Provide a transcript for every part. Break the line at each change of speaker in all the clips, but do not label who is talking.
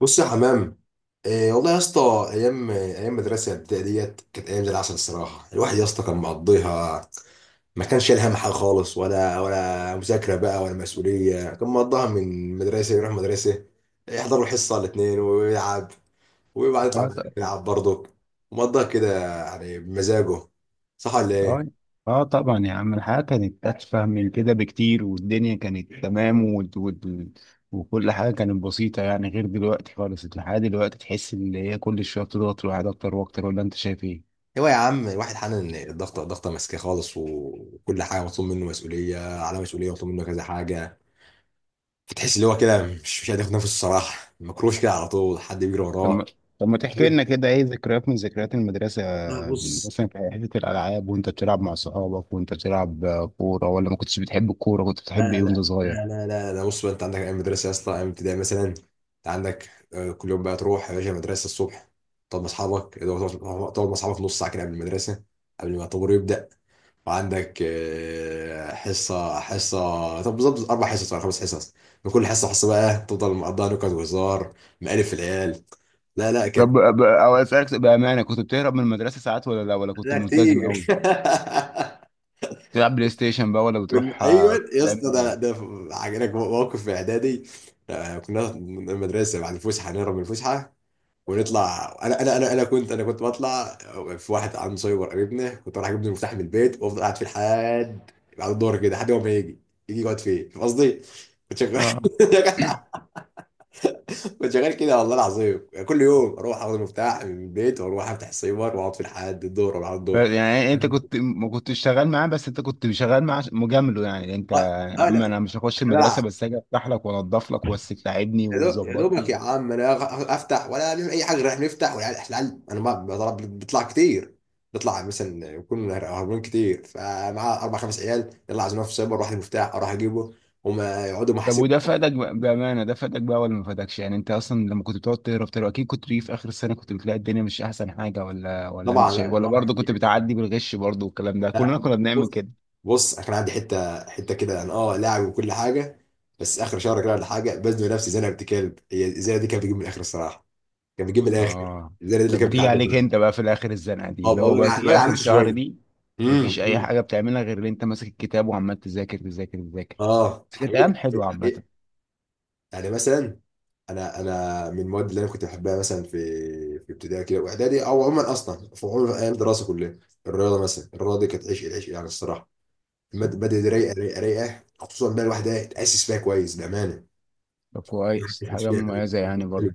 بص يا حمام. إيه والله يا اسطى. ايام ايام مدرسه الابتدائيه ديت كانت ايام زي العسل الصراحه، الواحد يا اسطى كان مقضيها. ما كانش شايل هم حاجه خالص، ولا مذاكره بقى ولا مسؤوليه، كان مقضيها من مدرسه يروح مدرسه، يحضر الحصه الاثنين ويلعب. وبعد يطلع
اه
من المدرسة
طبعا.
يلعب برضه. مقضيها كده يعني بمزاجه. صح ولا
اه.
ايه؟
اه طبعا يا عم، الحياة كانت أتفه من كده بكتير، والدنيا كانت تمام و... و... وكل حاجة كانت بسيطة، يعني غير دلوقتي خالص. الحياة دلوقتي تحس إن هي كل شوية بتضغط الواحد أكتر وأكتر، ولا أنت شايف إيه؟
هو يا عم الواحد حنن إن الضغطه الضغطه ماسكاه خالص، وكل حاجه مطلوب منه مسؤوليه على مسؤوليه، مطلوب منه كذا حاجه. فتحس اللي هو كده مش قادر ياخد نفسه الصراحه، مكروش كده على طول حد بيجري
طب
وراه.
ما طب ما تحكي
لا،
لنا كده، إيه ذكريات من ذكريات المدرسة دي،
بص.
مثلا في حتة الألعاب وأنت بتلعب مع صحابك، وأنت بتلعب كورة ولا ما كنتش بتحب الكورة؟ كنت
لا
بتحب إيه وأنت
لا
صغير؟
لا لا لا لا، بص بقى. انت عندك ايام مدرسه يا اسطى، ايام ابتدائي مثلا، انت عندك، كل يوم بقى تروح يا باشا المدرسه الصبح، تقعد مع اصحابك اللي هو تقعد مع اصحابك نص ساعه كده قبل المدرسه، قبل ما الطابور يبدا. وعندك، حصه حصه. طب بالظبط اربع حصص ولا خمس حصص؟ من كل حصه حصه بقى تفضل مقضيها نكت وهزار، مقالب في العيال. لا لا
طب،
كانت.
أو أسألك بأمانة، كنت بتهرب من المدرسة ساعات ولا لا، ولا كنت
لا،
ملتزم
كتير.
أوي؟ تلعب بلاي ستيشن بقى، ولا
من،
بتروح؟
ايوه يا
تعمل
اسطى. ده
ايه؟
ده عجبك موقف في اعدادي. كنا من المدرسه بعد الفسحه نهرب من الفسحه، ونطلع انا كنت بطلع. في واحد عنده سايبر قريبنا، كنت بروح اجيب له المفتاح من البيت وافضل قاعد فيه لحد بعد الظهر كده، لحد ما يجي يقعد فيه، فاهم قصدي؟ كنت شغال.
اه.
كنت شغال كده والله العظيم، كل يوم اروح اخد المفتاح من البيت واروح افتح السايبر واقعد فيه لحد الظهر ولا بعد الظهر.
يعني انت كنت ما كنتش شغال معاه، بس انت كنت شغال معاه مجامله، يعني انت
اه.
يا
اه.
عم انا مش هخش
لا.
المدرسه، بس اجي افتح لك وانضف لك، بس تلاعبني
يا دوبك
وتظبطني.
يا عم انا افتح، ولا نعمل اي حاجه، رايح نفتح. والعيال انا ما بضرب، بيطلع كتير، بيطلع مثلا يكون هربان كتير، فمعاه اربع خمس عيال يلا عايزين في سايبر واحد، مفتاح اروح اجيبه وما يقعدوا
طب
محاسب.
وده فادك، بامانه، ده فادك بقى ولا ما فادكش؟ يعني انت اصلا لما كنت بتقعد تهرب تهرب اكيد كنت بتيجي في اخر السنه، كنت بتلاقي الدنيا مش احسن حاجه، ولا انت
طبعا،
شايف؟
لا
ولا
طبعا.
برضه كنت بتعدي بالغش برضه؟ والكلام ده
لا،
كلنا كنا بنعمل
بص.
كده.
بص انا كان عندي حته حته كده، انا اه لاعب وكل حاجه، بس اخر شهر كده ولا حاجه بزنق نفسي زي انا بنت كلب. هي الزينه دي كانت بتجيب من الاخر الصراحه، كانت بتجيب من الاخر.
اه.
الزينه دي اللي
طب
كانت
بتيجي
بتعدي
عليك
منها.
انت بقى في الاخر الزنقه دي،
اه،
اللي هو بقى
بجع
تيجي
بجع
اخر
نفسي
شهر
شويه.
دي؟ مفيش اي
امم
حاجه بتعملها غير ان انت ماسك الكتاب وعمال تذاكر تذاكر تذاكر.
اه
بس كانت
حقيقة.
ايام حلوه
حقيقة.
عامه.
يعني مثلا، انا من المواد اللي انا كنت بحبها مثلا في، ابتدائي كده واعدادي، او عموما اصلا في، عموما ايام الدراسه كلها، الرياضه مثلا. الرياضه دي كانت عشق العشق يعني الصراحه. المادة دي رايقه رايقه رايقه، خصوصا بقى الواحد، اتاسس فيها كويس بامانه.
طب
الواحد
كويس،
اتاسس
حاجه
فيها كويس.
مميزه يعني برضه.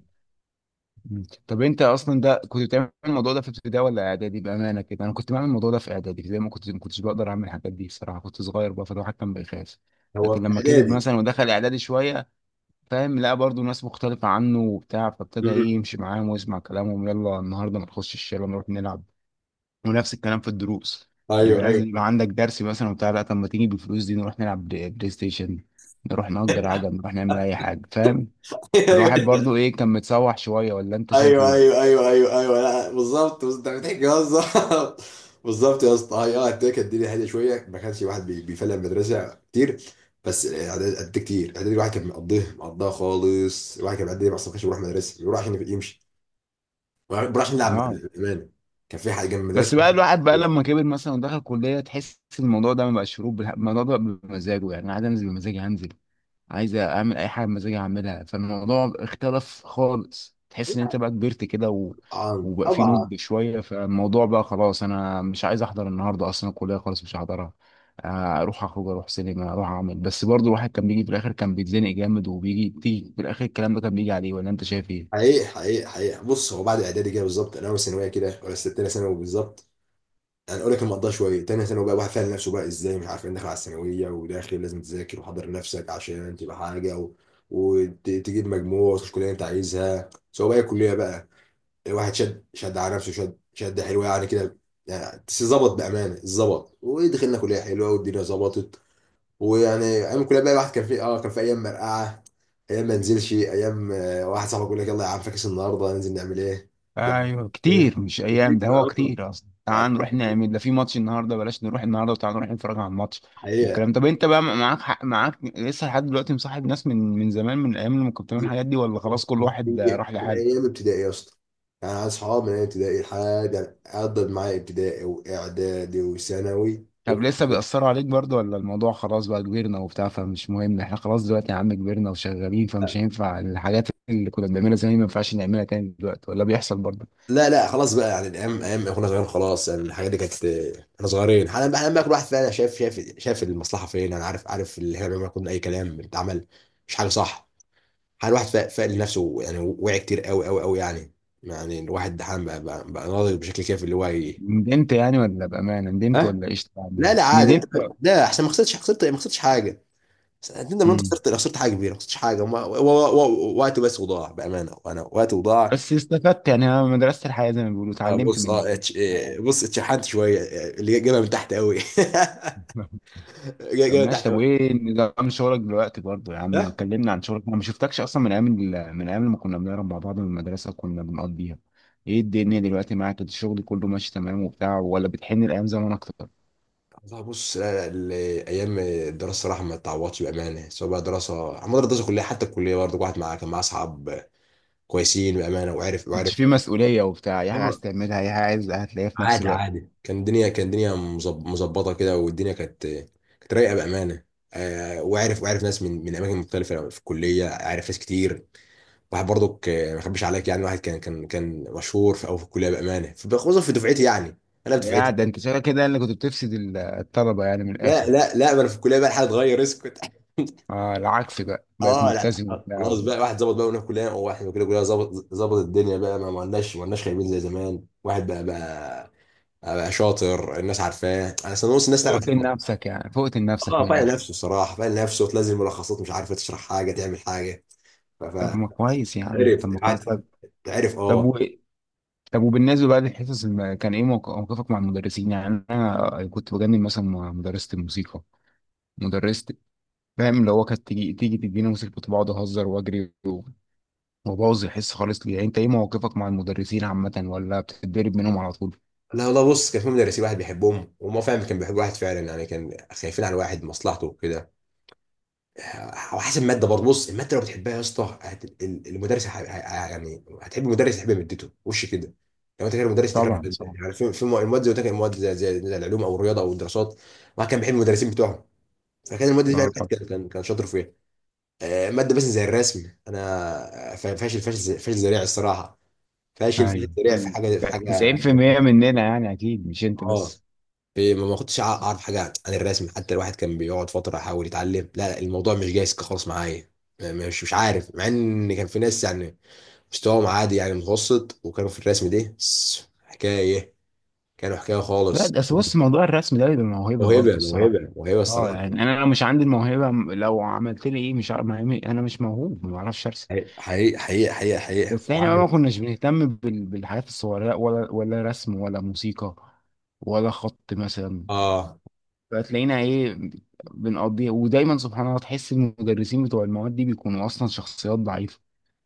مم. طب انت اصلا ده كنت بتعمل الموضوع ده في ابتدائي ولا اعدادي؟ بامانه كده انا كنت بعمل الموضوع ده في اعدادي، زي ما كنت ما كنتش بقدر اعمل الحاجات دي الصراحه، كنت صغير بقى فالواحد كان بيخاف.
هو
لكن
في
لما كبر
اعدادي.
مثلا ودخل اعدادي شويه، فاهم، لا برضو ناس مختلفة عنه وبتاع، فابتدى
مم.
ايه يمشي معاهم ويسمع كلامهم، يلا النهاردة ما نخش الشارع نروح نلعب. ونفس الكلام في الدروس،
ايوه،
يبقى
ايوه.
لازم يبقى عندك درس مثلا وبتاع، لا طب ما تيجي بالفلوس دي نروح نلعب بلاي ستيشن، نروح نأجر عجل، نروح نعمل أي حاجة، فاهم.
ايوه
الواحد برضو ايه، كان متسوح شوية، ولا انت شايف
ايوه
ايه؟
ايوه ايوه ايوه ايوه، لا بالظبط، بس انت بتحكي بالظبط. بالظبط يا اسطى، هي اه اديك الدنيا هاديه شويه، ما كانش واحد بيفلق من المدرسه كتير. بس اعدادي قد كتير، اعدادي الواحد كان مقضيه مقضاه خالص. الواحد كان بيعدي اصلا، ما كانش بيروح مدرسه، بيروح عشان يمشي، بيروح عشان يلعب
اه.
بامانه. كان في حاجه جنب المدرسه.
بس بقى الواحد بقى لما كبر مثلا ودخل كلية، تحس الموضوع ده ما بقاش شروط، الموضوع ده بمزاجه، يعني أنا عايز انزل بمزاجي هنزل، عايز اعمل اي حاجه بمزاجي اعملها. فالموضوع اختلف خالص، تحس ان انت بقى كبرت كده و...
طبعا
وبقى في
طبعا.
نضج شويه. فالموضوع بقى خلاص، انا مش عايز احضر النهارده، اصلا الكليه خالص مش هحضرها. اروح اخرج، اروح سينما، اروح اعمل. بس برضو الواحد كان بيجي في الاخر، كان بيتزنق جامد، وبيجي تيجي في الاخر الكلام ده كان بيجي عليه، ولا انت شايف ايه؟
حقيقي حقيقي حقيقي. بص هو بعد اعدادي كده بالظبط، انا اول ثانويه كده ولا ستة ثانوي بالظبط. يعني اقول لك المقضيه شويه، تاني سنه بقى واحد فاهم نفسه بقى ازاي، مش عارف انت داخل على الثانويه، وداخل لازم تذاكر وحضر نفسك عشان تبقى حاجه، وتجيب مجموع وتخش كليه انت عايزها، سواء بقى الكليه بقى، الواحد شد شد على نفسه، شد شد، حلوه يعني كده يعني. بس ظبط بامانه، ظبط ودخلنا كليه حلوه والدنيا ظبطت. ويعني ايام الكليه بقى الواحد كان في اه، كان في ايام مرقعه، ايام ما نزلش، ايام، واحد صاحبي يقول لك يلا يا عم، فاكس النهارده ننزل نعمل ايه. ده.
ايوه كتير، مش
كتير
ايام ده، هو كتير اصلا.
بقى.
تعال نروح نعمل ده، في ماتش النهارده، بلاش نروح النهارده، وتعال نروح نتفرج على الماتش.
حقيقة.
والكلام، طب انت بقى معاك حق، معاك لسه لحد دلوقتي مصاحب ناس من زمان، من الايام اللي كنت بتعمل الحاجات دي، ولا
أوه.
خلاص كل واحد
هي
راح
من
لحاله؟
ايام ابتدائي يا اسطى. يعني أنا اصحاب من ايام ابتدائي لحد، عدت معايا ابتدائي واعدادي وثانوي
طب لسه
وكلية.
بيأثروا عليك برضه، ولا الموضوع خلاص بقى كبرنا وبتاع، فمش مهم؟ احنا خلاص دلوقتي يا عم كبرنا وشغالين، فمش هينفع الحاجات اللي كنا بنعملها زمان ما ينفعش نعملها تاني دلوقتي، ولا بيحصل برضه؟
لا لا خلاص بقى، يعني الايام، ايام احنا صغيرين خلاص، يعني الحاجات دي كانت احنا صغيرين. حالا بقى، حالا بقى كل واحد فينا شايف، المصلحه فين. انا عارف، اللي احنا بنعمله كنا اي كلام بيتعمل، مش حاجه صح. حالا الواحد فاق لنفسه، يعني وعي كتير، قوي قوي قوي يعني. يعني الواحد حالا بقى ناضج بشكل كافي اللي هو
ندمت يعني، ولا بأمانة ندمت،
ها.
ولا ايش
لا
يعني
لا عادي.
ندمت؟
لا احسن، ما خسرتش، ما خسرتش حاجه. تندم ان انت
مم.
خسرت، حاجه كبيره ما خسرتش حاجه، وقت بس وضاع بامانه، وانا وقت وضاع.
بس استفدت يعني، انا مدرسة الحياة زي ما بيقولوا، اتعلمت من من الحياة.
بص اتشحنت شويه، اللي جابها من تحت قوي.
طب
جابها من
ماشي،
تحت
طب
قوي.
وايه نظام شغلك دلوقتي برضه يا عم؟
لا
كلمنا عن شغلك، انا ما شفتكش اصلا من ايام من ايام لما كنا بنهرب مع بعض من المدرسة، كنا بنقضيها. ايه الدنيا دلوقتي معاك، الشغل كله ماشي تمام وبتاع، ولا بتحن الايام زمان اكتر؟
والله بص، لا لا، ال- ايام الدراسه صراحه ما تعوضش بامانه، سواء بقى دراسه عموما، الدراسه كلها، حتى الكليه برضه، واحد معاه كان معاه اصحاب كويسين بامانه، وعرف
انت في مسؤولية وبتاع، اي حاجة عايز تعملها، اي حاجة عايز هتلاقيها في نفس
عادي
الوقت.
عادي، كان الدنيا مظبطه كده، والدنيا كانت رايقه بامانه. وعارف، ناس من اماكن مختلفه في الكليه، عارف ناس كتير. واحد برضك، ما اخبيش عليك يعني، واحد كان مشهور في او في الكليه بامانه، خصوصا في دفعتي يعني، انا في
يا
دفعتي.
ده انت شغال كده اللي كنت بتفسد الطلبة يعني من
لا
الاخر؟
لا لا، ما انا في الكليه بقى الحاجه اتغير، اسكت.
آه، العكس بقى، بقيت
اه، لا
ملتزم
لا، خلاص
وبتاع.
بقى واحد ظبط بقى. وانا في كليه واحد كده، كليه ظبط، ظبط الدنيا بقى. ما لناش، خايبين زي زمان. واحد بقى، شاطر، الناس عارفاه، انا اصلا نص الناس تعرف.
فوقت لنفسك يعني، فوقت لنفسك
اه
من
فايق
الاخر.
نفسه الصراحه، فايق نفسه، وتنزل ملخصات مش عارفه تشرح حاجه تعمل حاجه. ف-
طب ما كويس يا عم،
فعرف
طب ما كويس،
قعد،
طب.
عرف.
طب
اه.
و... وبالنسبه بقى للحصص، كان ايه موقفك مع المدرسين؟ يعني انا كنت بجنن مثلا مع مدرسه الموسيقى، مدرسه فاهم، اللي هو كانت تيجي تدينا موسيقى، كنت بقعد اهزر واجري وابوظ الحصه خالص. ليه يعني انت ايه موقفك مع المدرسين عامه، ولا بتتدرب منهم على طول؟
لا والله بص كان في مدرسين، واحد بيحبهم وما فاهم، كان بيحب واحد فعلا يعني، كان خايفين على واحد مصلحته وكده. آه، وحسب الماده برضه. بص الماده لو بتحبها يا اسطى المدرس يعني هتحب المدرس، تحب مادته وش كده. لو انت كده، المدرس تكره
طبعا
الماده.
طبعا.
يعني في المواد زي ما قلت لك، المواد زي، العلوم او الرياضه او الدراسات، واحد كان بيحب المدرسين بتوعهم، فكان الماده دي فعلا
اه
واحد
طبعا.
كان شاطر فيها. ماده مثلا زي الرسم، انا فاشل فاشل فاشل ذريع الصراحه. فاشل فاشل
ايوه،
ذريع في حاجه،
90% مننا يعني، اكيد مش انت
اه.
بس.
في، ما كنتش اعرف حاجه عن الرسم. حتى الواحد كان بيقعد فتره يحاول يتعلم، لا لا، الموضوع مش جايز خالص معايا. مش عارف، مع ان كان في ناس يعني مستواهم عادي، يعني متوسط، وكانوا في الرسم ده حكايه، كانوا حكايه
لا
خالص.
ده أصل، بص، موضوع الرسم ده بيبقى موهبه برضه
موهبه
الصراحه.
موهبه موهبه
اه
الصراحه.
يعني انا لو مش عندي الموهبه، لو عملت لي ايه، مش عارف، انا مش موهوب ما بعرفش ارسم.
حقيقي حقيقي حقيقي حقيقي.
بس احنا بقى
وعندك.
ما كناش بنهتم بالحاجات الصغيره، ولا رسم ولا موسيقى ولا خط مثلا.
اه.
فتلاقينا ايه، بنقضيها. ودايما سبحان الله تحس المدرسين بتوع المواد دي بيكونوا اصلا شخصيات ضعيفه،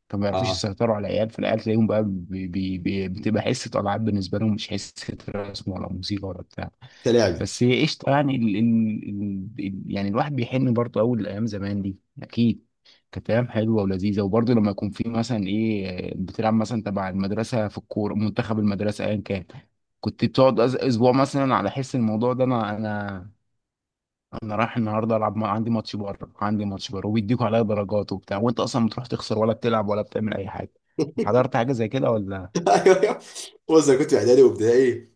فما بيعرفوش
اه.
يسيطروا على العيال، فالعيال تلاقيهم بقى بي بي بي بتبقى حصة ألعاب بالنسبة لهم، مش حصة رسم ولا موسيقى ولا بتاع.
حتى لعب.
بس هي قشطة يعني، يعني الواحد بيحن برضه أول الأيام زمان دي. أكيد كانت أيام حلوة ولذيذة. وبرضه لما يكون في مثلا إيه، بتلعب مثلا تبع المدرسة في الكورة، منتخب المدرسة أيا كان، كنت بتقعد أسبوع مثلا على حس الموضوع ده. أنا أنا انا رايح النهارده العب، عندي ماتش بره، وبيديكوا عليا درجات وبتاع، وانت اصلا بتروح تخسر ولا بتلعب ولا بتعمل اي حاجه. حضرت حاجه زي كده ولا؟
ايوه ايوه. بص انا كنت في اعدادي وابتدائي،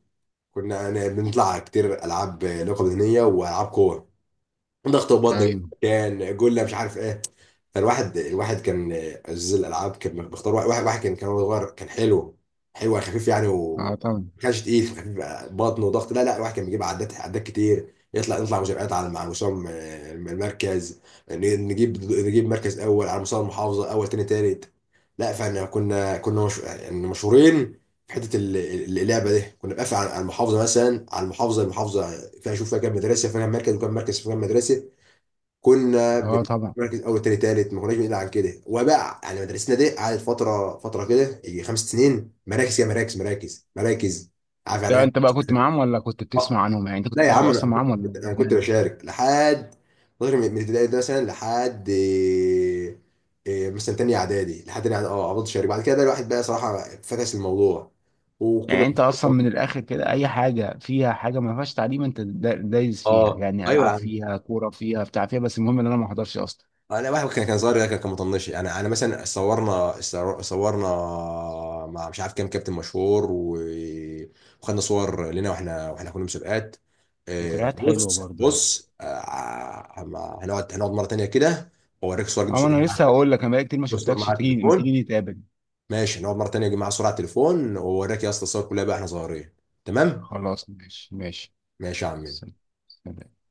كنا يعني بنطلع كتير العاب، لعبه بدنيه والعاب كوره، ضغط وبطن،
ايوه.
كان جله مش عارف ايه. فالواحد كان عزيز الالعاب، كان بيختار واحد كان، هو صغير كان حلو، حلو يعني، خفيف يعني، و
اه طبعا.
ما كانش تقيل، خفيف. بطن وضغط، لا لا، الواحد كان بيجيب عدات عدات كتير يطلع، نطلع مسابقات، على مع مسام المركز. ن- نجيب مركز اول على مستوى المحافظه، اول تاني تالت. لا فاحنا كنا مش، يعني مشهورين في حته اللعبه دي، كنا بنقفل على المحافظه، مثلا على المحافظه كان اشوف فيها كام مدرسه، فيها كام مركز، وكام مركز في كام مدرسه. كنا
اه طبعا.
بنركز اول تاني تالت، ما كناش بنقل عن كده. وبقى يعني مدرستنا دي قعدت فتره كده يجي 5 سنين، مراكز يا مراكز مراكز مراكز. عارف يعني
لا
ايه؟
انت بقى كنت معاهم ولا كنت
آه.
بتسمع عنهم؟ يعني انت كنت
لا يا
بتلعب
عم،
اصلا
انا
معاهم ولا،
كنت،
بامانه؟
بشارك لحد فتره، من الابتدائي ده مثلا، لحد إيه، إيه مثلا تاني اعدادي، لحد تاني إعدادي، اه فضلت شارك. بعد كده بقى الواحد بقى صراحه فكس الموضوع، وكنا.
يعني انت اصلا من الاخر كده، اي حاجه فيها حاجه ما فيهاش تعليم انت دايس فيها،
اه،
يعني العاب
ايوه.
فيها، كوره فيها، بتاع فيها، بس المهم ان انا ما احضرش اصلا.
انا واحد كان كان صغير، كان كان مطنش يعني. انا مثلا صورنا، صورنا مع مش عارف كام كابتن مشهور، و- وخدنا صور لنا، واحنا كنا مسابقات.
ذكريات حلوه برضه يعني.
هنقعد مره تانيه كده واوريك صور، اجيب
اه
صور
انا
مع،
لسه هقول لك، انا بقالي كتير ما
أجيب صور
شفتكش،
مع
تيجي ما
التليفون.
تيجي نتقابل.
ماشي، هنقعد مره تانيه اجيب معايا صور على التليفون واوريك يا اسطى الصور كلها بقى احنا صغيرين. تمام.
خلاص ماشي ماشي.
ماشي يا عم.
سلام. سلام.